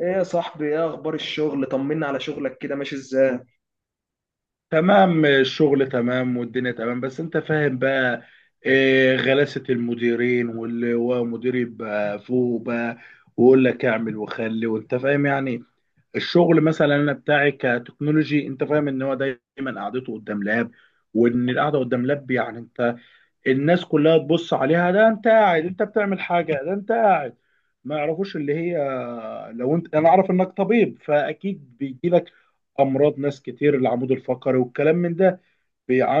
ايه يا صاحبي، ايه اخبار الشغل؟ طمنا على شغلك، كده ماشي ازاي؟ تمام، الشغل تمام والدنيا تمام، بس انت فاهم بقى. غلاسة المديرين، واللي هو مدير يبقى فوق بقى ويقول لك اعمل وخلي، وانت فاهم يعني. الشغل مثلا انا بتاعي كتكنولوجي، انت فاهم ان هو دايما قعدته قدام لاب، وان القعده قدام لاب يعني انت الناس كلها تبص عليها، ده انت قاعد، انت بتعمل حاجه، ده انت قاعد. ما يعرفوش اللي هي. لو انت، انا اعرف انك طبيب فاكيد بيجي لك امراض ناس كتير، العمود الفقري والكلام من ده،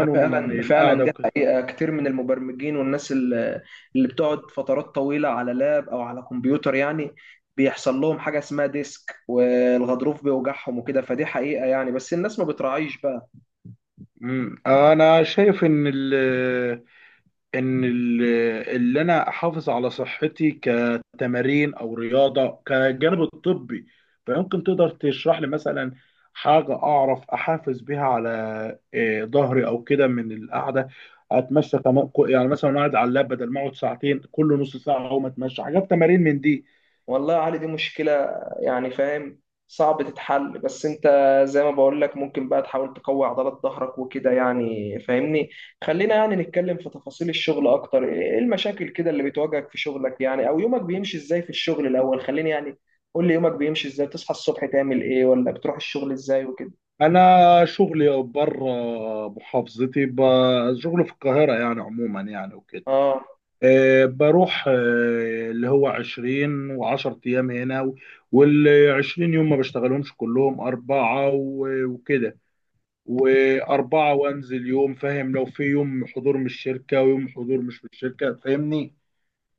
أنا من فعلا القعده دي وكده. حقيقة. كتير من المبرمجين والناس اللي بتقعد فترات طويلة على لاب او على كمبيوتر، يعني بيحصل لهم حاجة اسمها ديسك، والغضروف بيوجعهم وكده. فدي حقيقة يعني، بس الناس ما بتراعيش بقى. مم. انا شايف ان ان ال- اللي انا احافظ على صحتي كتمارين او رياضه كجانب الطبي، فيمكن تقدر تشرح لي مثلا حاجه اعرف احافظ بيها على ظهري او كده من القعده. اتمشى كمان، يعني مثلا قاعد على اللاب، بدل ما اقعد ساعتين كل نص ساعه اقوم اتمشى، حاجات تمارين من دي. والله يا علي دي مشكلة يعني، فاهم؟ صعب تتحل، بس انت زي ما بقول لك ممكن بقى تحاول تقوي عضلات ظهرك وكده، يعني فاهمني؟ خلينا يعني نتكلم في تفاصيل الشغل اكتر. ايه المشاكل كده اللي بتواجهك في شغلك يعني، او يومك بيمشي ازاي في الشغل؟ الاول خليني يعني قول لي يومك بيمشي ازاي، تصحى الصبح تعمل ايه، ولا بتروح الشغل ازاي وكده. انا شغلي بره محافظتي، شغلي في القاهره يعني، عموما يعني وكده. اه، بروح اللي هو 20 و10 ايام هنا، وال 20 يوم ما بشتغلهمش كلهم، اربعه وكده، واربعه، وانزل يوم، فاهم، لو في يوم حضور من الشركه ويوم حضور مش من الشركه، فاهمني،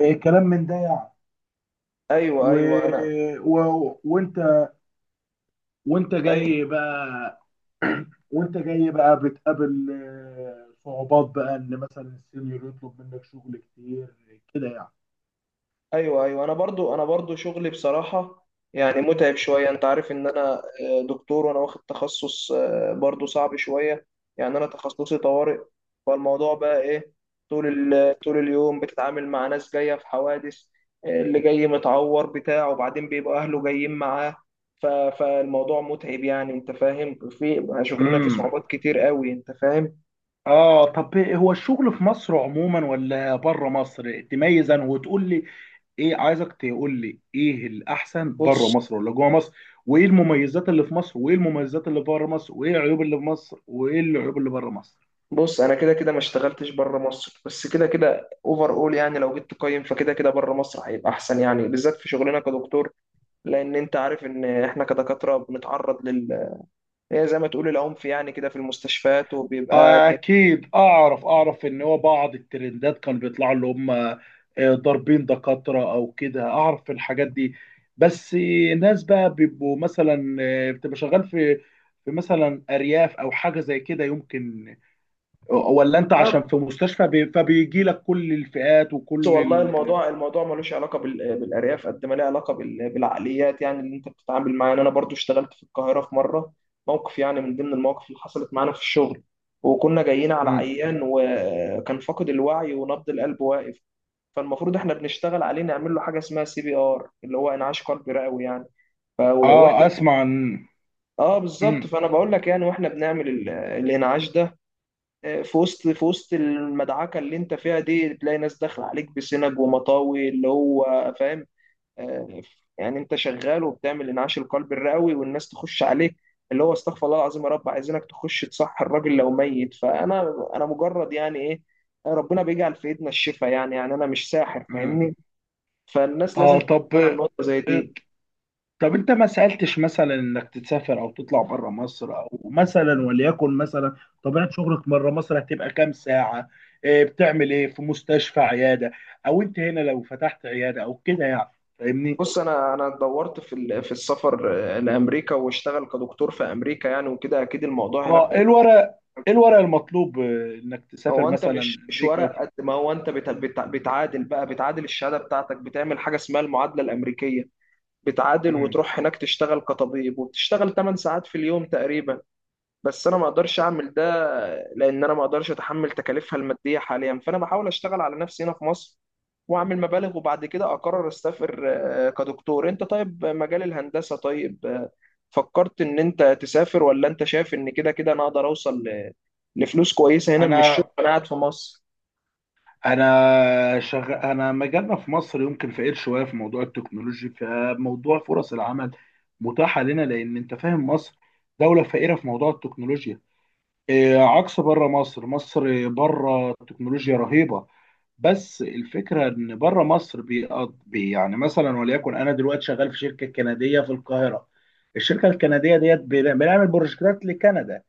كلام من ده يعني. ايوه و... ايوه، انا و... وانت وانت ايوه جاي بقى بتقابل صعوبات بقى، ان مثلا السينيور يطلب منك شغل كتير، كده ايوه ايوه، انا برضو، انا برضو شغلي بصراحه، يعني متعب شويه. انت عارف ان انا دكتور وانا واخد تخصص، برضو صعب شويه يعني. انا تخصصي طوارئ. فالموضوع بقى ايه، طول اليوم بتتعامل مع ناس جايه في حوادث، اللي جاي متعور بتاع، وبعدين بيبقى اهله جايين معاه. فالموضوع متعب يعني، انت فاهم. في شغلنا فيه يعني. صعوبات كتير قوي، انت فاهم؟ اه طب، هو الشغل في مصر عموما ولا بره مصر؟ تميز انا وتقول لي ايه، عايزك تقول لي ايه الاحسن، بره بص، مصر ولا جوه مصر؟ وايه المميزات اللي في مصر، وايه المميزات اللي بره مصر، وايه العيوب اللي في مصر، وايه العيوب اللي بره مصر؟ بص انا كده كده ما اشتغلتش بره مصر، بس كده كده اوفر اول. يعني لو جيت تقيم، فكده كده بره مصر هيبقى احسن يعني، بالذات في شغلنا كدكتور. لان انت عارف ان احنا كدكاتره بنتعرض لل، هي زي ما تقول العنف يعني كده، في المستشفيات وبيبقى. اكيد، اعرف ان هو بعض الترندات كان بيطلعوا اللي هم ضاربين دكاترة او كده، اعرف الحاجات دي. بس ناس بقى بيبقوا مثلا بتبقى شغال في مثلا ارياف او حاجه زي كده، يمكن؟ ولا انت عشان في مستشفى، فبيجي لك كل الفئات بص وكل والله الموضوع، الموضوع ملوش علاقه بالارياف قد ما له علاقه بالعقليات، يعني اللي انت بتتعامل معاه يعني. انا برضو اشتغلت في القاهره، في مره موقف يعني من ضمن المواقف اللي حصلت معانا في الشغل، وكنا جايين على مم. عيان وكان فاقد الوعي ونبض القلب واقف. فالمفروض احنا بنشتغل عليه، نعمل له حاجه اسمها سي بي ار، اللي هو انعاش قلبي رئوي يعني. اه، واحنا اسمع عن. اه بالظبط. مم. فانا بقول لك يعني، واحنا بنعمل الانعاش ده، في وسط المدعكه اللي انت فيها دي، تلاقي ناس داخله عليك بسنج ومطاوي اللي هو، فاهم؟ آه، يعني انت شغال وبتعمل انعاش القلب الرئوي والناس تخش عليك اللي هو استغفر الله العظيم، يا رب! عايزينك تخش تصح الراجل لو ميت. فانا مجرد يعني ايه، ربنا بيجعل في ايدنا الشفاء يعني انا مش ساحر، مم. فاهمني؟ فالناس اه لازم طب، تفهم نقطه زي آه، دي. طب انت ما سألتش مثلا انك تسافر او تطلع بره مصر، او مثلا وليكن مثلا طبيعة شغلك بره مصر هتبقى كام ساعة؟ بتعمل ايه في مستشفى، عيادة؟ او انت هنا لو فتحت عيادة او كده يعني، فاهمني؟ بص، انا دورت في السفر لامريكا واشتغل كدكتور في امريكا يعني وكده، اكيد الموضوع هناك. اه، ايه الورق المطلوب انك تسافر هو انت مثلا مش امريكا؟ ورق قد ما هو انت بتعادل بقى، بتعادل الشهاده بتاعتك، بتعمل حاجه اسمها المعادله الامريكيه. بتعادل مم. وتروح هناك تشتغل كطبيب، وبتشتغل 8 ساعات في اليوم تقريبا. بس انا ما اقدرش اعمل ده، لان انا ما اقدرش اتحمل تكاليفها الماديه حاليا. فانا بحاول اشتغل على نفسي هنا في مصر واعمل مبالغ، وبعد كده اقرر اسافر. كدكتور انت طيب، مجال الهندسه طيب، فكرت ان انت تسافر؟ ولا انت شايف ان كده كده انا اقدر اوصل لفلوس كويسه هنا من الشغل انا وانا قاعد في مصر؟ انا مجالنا في مصر يمكن فقير شويه في موضوع التكنولوجي، فموضوع فرص العمل متاحه لنا، لان انت فاهم مصر دوله فقيره في موضوع التكنولوجيا. إيه، عكس بره مصر، مصر بره التكنولوجيا رهيبه. بس الفكره ان بره مصر بيقض... بي يعني مثلا وليكن انا دلوقتي شغال في شركه كنديه في القاهره. الشركه الكنديه ديت، بنعمل بروجكتات لكندا،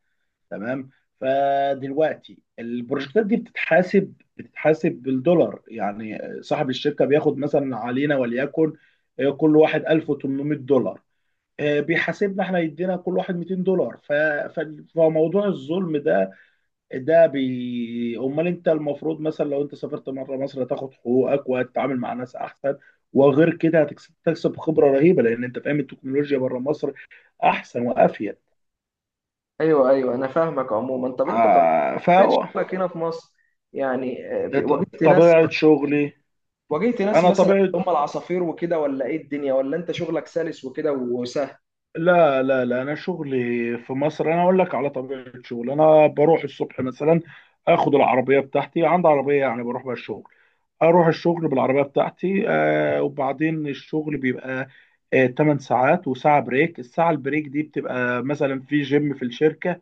تمام. فدلوقتي البروجكتات دي بتتحاسب بالدولار، يعني صاحب الشركة بياخد مثلا علينا وليكن كل واحد $1800، بيحاسبنا احنا يدينا كل واحد $200. ف... فموضوع الظلم ده، امال انت المفروض مثلا لو انت سافرت مره مصر هتاخد حقوقك وهتتعامل مع ناس احسن، وغير كده هتكسب خبره رهيبه لان انت فاهم التكنولوجيا بره مصر احسن وافيد. ايوه ايوه، انا فاهمك عموما. طب انت طبيعه ع- ف شغلك هنا في مصر، يعني واجهت ناس، طبيعة شغلي، واجهت ناس أنا مثلا طبيعة هم العصافير وكده، ولا ايه الدنيا، ولا انت شغلك سلس وكده وسهل؟ لا لا لا، أنا شغلي في مصر. أنا أقول لك على طبيعة شغلي. أنا بروح الصبح مثلا، آخد العربية بتاعتي، عندي عربية يعني، بروح بها الشغل. أروح الشغل بالعربية بتاعتي، وبعدين الشغل بيبقى 8 ساعات وساعة بريك. الساعة البريك دي بتبقى مثلا في جيم في الشركة،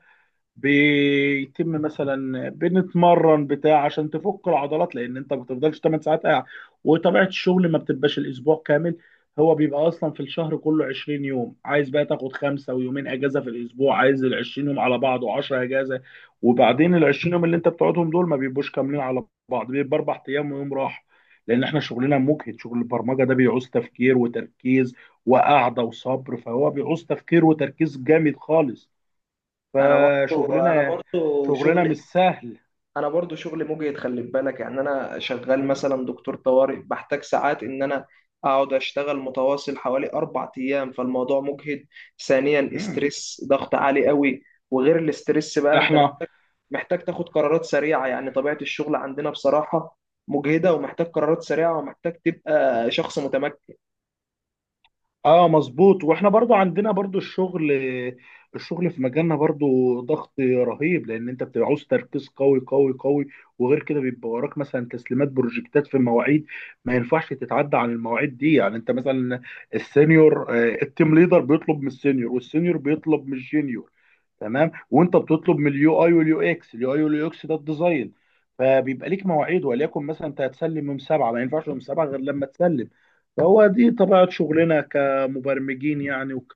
بيتم مثلا بنتمرن بتاع عشان تفك العضلات، لان انت ما بتفضلش 8 ساعات قاعد. وطبيعه الشغل ما بتبقاش الاسبوع كامل، هو بيبقى اصلا في الشهر كله 20 يوم، عايز بقى تاخد خمسه ويومين اجازه في الاسبوع. عايز ال 20 يوم على بعض و10 اجازه، وبعدين ال 20 يوم اللي انت بتقعدهم دول ما بيبقوش كاملين على بعض، بيبقى اربع ايام ويوم راحه، لان احنا شغلنا مجهد. شغل البرمجه ده بيعوز تفكير وتركيز وقعده وصبر، فهو بيعوز تفكير وتركيز جامد خالص. انا برضو انا فشغلنا برضو شغلنا شغلي، مش سهل. انا برضو شغلي مجهد، خلي بالك. يعني انا شغال مم. مثلا دكتور طوارئ، بحتاج ساعات ان انا اقعد اشتغل متواصل حوالي اربع ايام، فالموضوع مجهد. ثانيا مم. استرس، ضغط عالي قوي. وغير الاسترس بقى انت احنا، محتاج تاخد قرارات سريعة. يعني طبيعة الشغل عندنا بصراحة مجهدة، ومحتاج قرارات سريعة، ومحتاج تبقى شخص متمكن. اه، مظبوط. واحنا برضو عندنا برضو الشغل في مجالنا برضو ضغط رهيب، لان انت بتبقى عاوز تركيز قوي قوي قوي. وغير كده بيبقى وراك مثلا تسليمات بروجكتات في مواعيد ما ينفعش تتعدى عن المواعيد دي، يعني انت مثلا السينيور، التيم ليدر بيطلب من السينيور، والسينيور بيطلب من الجينيور، تمام. وانت بتطلب من اليو اي واليو اكس، اليو اي واليو اكس ده الديزاين. فبيبقى ليك مواعيد وليكن مثلا انت هتسلم يوم سبعه، ما ينفعش يوم سبعه غير لما تسلم. فهو دي طبيعه شغلنا كمبرمجين يعني،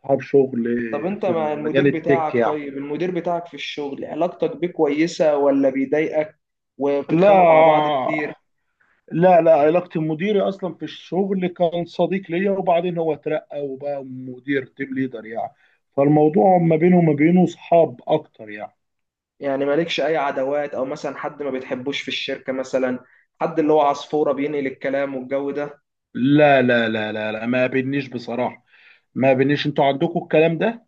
اصحاب شغل طب انت في مع المجال المدير التك بتاعك، يعني. طيب المدير بتاعك في الشغل علاقتك بيه كويسة ولا بيضايقك، لا وبتتخانقوا مع بعض كتير؟ لا لا، علاقتي بمديري اصلا في الشغل كان صديق ليا، وبعدين هو اترقى وبقى مدير تيم ليدر يعني، فالموضوع ما بينه وما بينه صحاب اكتر يعني. يعني مالكش اي عداوات، او مثلا حد ما بتحبوش في الشركة، مثلا حد اللي هو عصفورة بينقل الكلام والجو ده؟ لا لا لا لا لا، ما بينيش بصراحة، ما بينيش. انتوا عندكم الكلام ده؟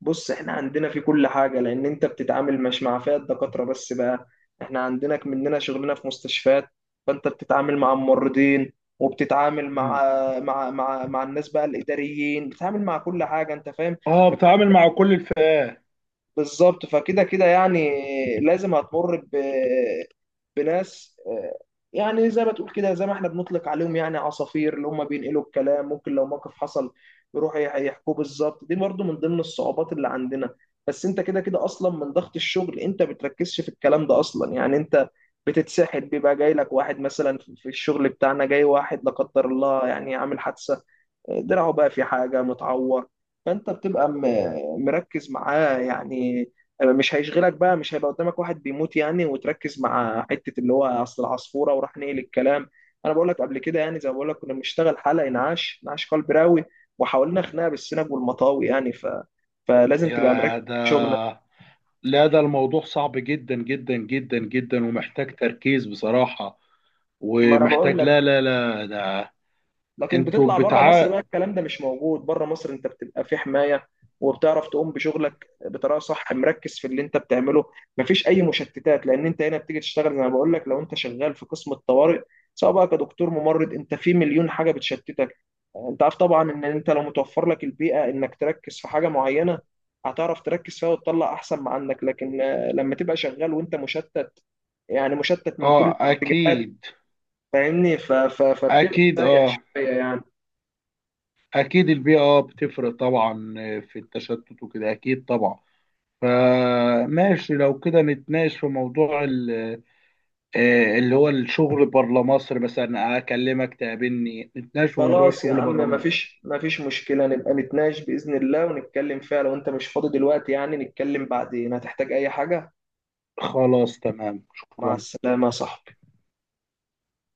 بص احنا عندنا في كل حاجة، لأن أنت بتتعامل مش مع فئة دكاترة بس بقى. احنا عندنا مننا شغلنا في مستشفيات، فأنت بتتعامل مع الممرضين، وبتتعامل مم. مع، مع الناس بقى، الإداريين، بتتعامل مع كل حاجة، أنت فاهم؟ اه، بتعامل مع كل الفئات. بالظبط. فكده كده يعني لازم هتمر بناس، يعني زي ما تقول كده، زي ما احنا بنطلق عليهم يعني عصافير، اللي هم بينقلوا الكلام. ممكن لو موقف حصل يروحوا يحكوه بالظبط. دي برضو من ضمن الصعوبات اللي عندنا. بس انت كده كده اصلا من ضغط الشغل انت بتركزش في الكلام ده اصلا. يعني انت بتتسحل، بيبقى جاي لك واحد مثلا في الشغل بتاعنا، جاي واحد لا قدر الله يعني عامل حادثة، دراعه بقى في حاجة متعور، فأنت بتبقى مركز معاه يعني. مش هيشغلك بقى، مش هيبقى قدامك واحد بيموت يعني وتركز مع حتة اللي هو أصل العصفورة وراح نقل الكلام. أنا بقول لك قبل كده يعني، زي ما بقول لك كنا بنشتغل حلقة إنعاش، إنعاش قلب راوي، وحاولنا خناقة بالسنج والمطاوي يعني. فلازم تبقى مركز يا في شغلك. ده، لا، ده الموضوع صعب جدا جدا جدا جدا ومحتاج تركيز بصراحة، ما أنا بقول ومحتاج، لا لك، لا لا، ده لكن انتوا بتطلع بره مصر بتاع. بقى، الكلام ده مش موجود بره مصر، انت بتبقى في حماية، وبتعرف تقوم بشغلك بطريقة صح، مركز في اللي انت بتعمله، مفيش اي مشتتات. لان انت هنا بتيجي تشتغل زي ما بقول لك، لو انت شغال في قسم الطوارئ، سواء بقى كدكتور ممرض، انت في مليون حاجة بتشتتك. انت عارف طبعا ان انت لو متوفر لك البيئة انك تركز في حاجة معينة، هتعرف تركز فيها وتطلع احسن ما عندك. لكن لما تبقى شغال وانت مشتت، يعني مشتت من كل اه الاتجاهات، اكيد فاهمني؟ فبتبقى اكيد. سايح اه شوية يعني. اكيد البيئة اه بتفرق طبعا في التشتت وكده، اكيد طبعا. فماشي، لو كده نتناقش في موضوع اللي هو الشغل بره مصر، مثلا اكلمك تقابلني نتناقش في موضوع خلاص يا الشغل عم، بره مصر. مفيش مشكلة. نبقى نتناقش بإذن الله ونتكلم فيها. لو أنت مش فاضي دلوقتي يعني نتكلم بعدين. هتحتاج أي حاجة؟ خلاص تمام، مع شكرا. السلامة يا صاحبي.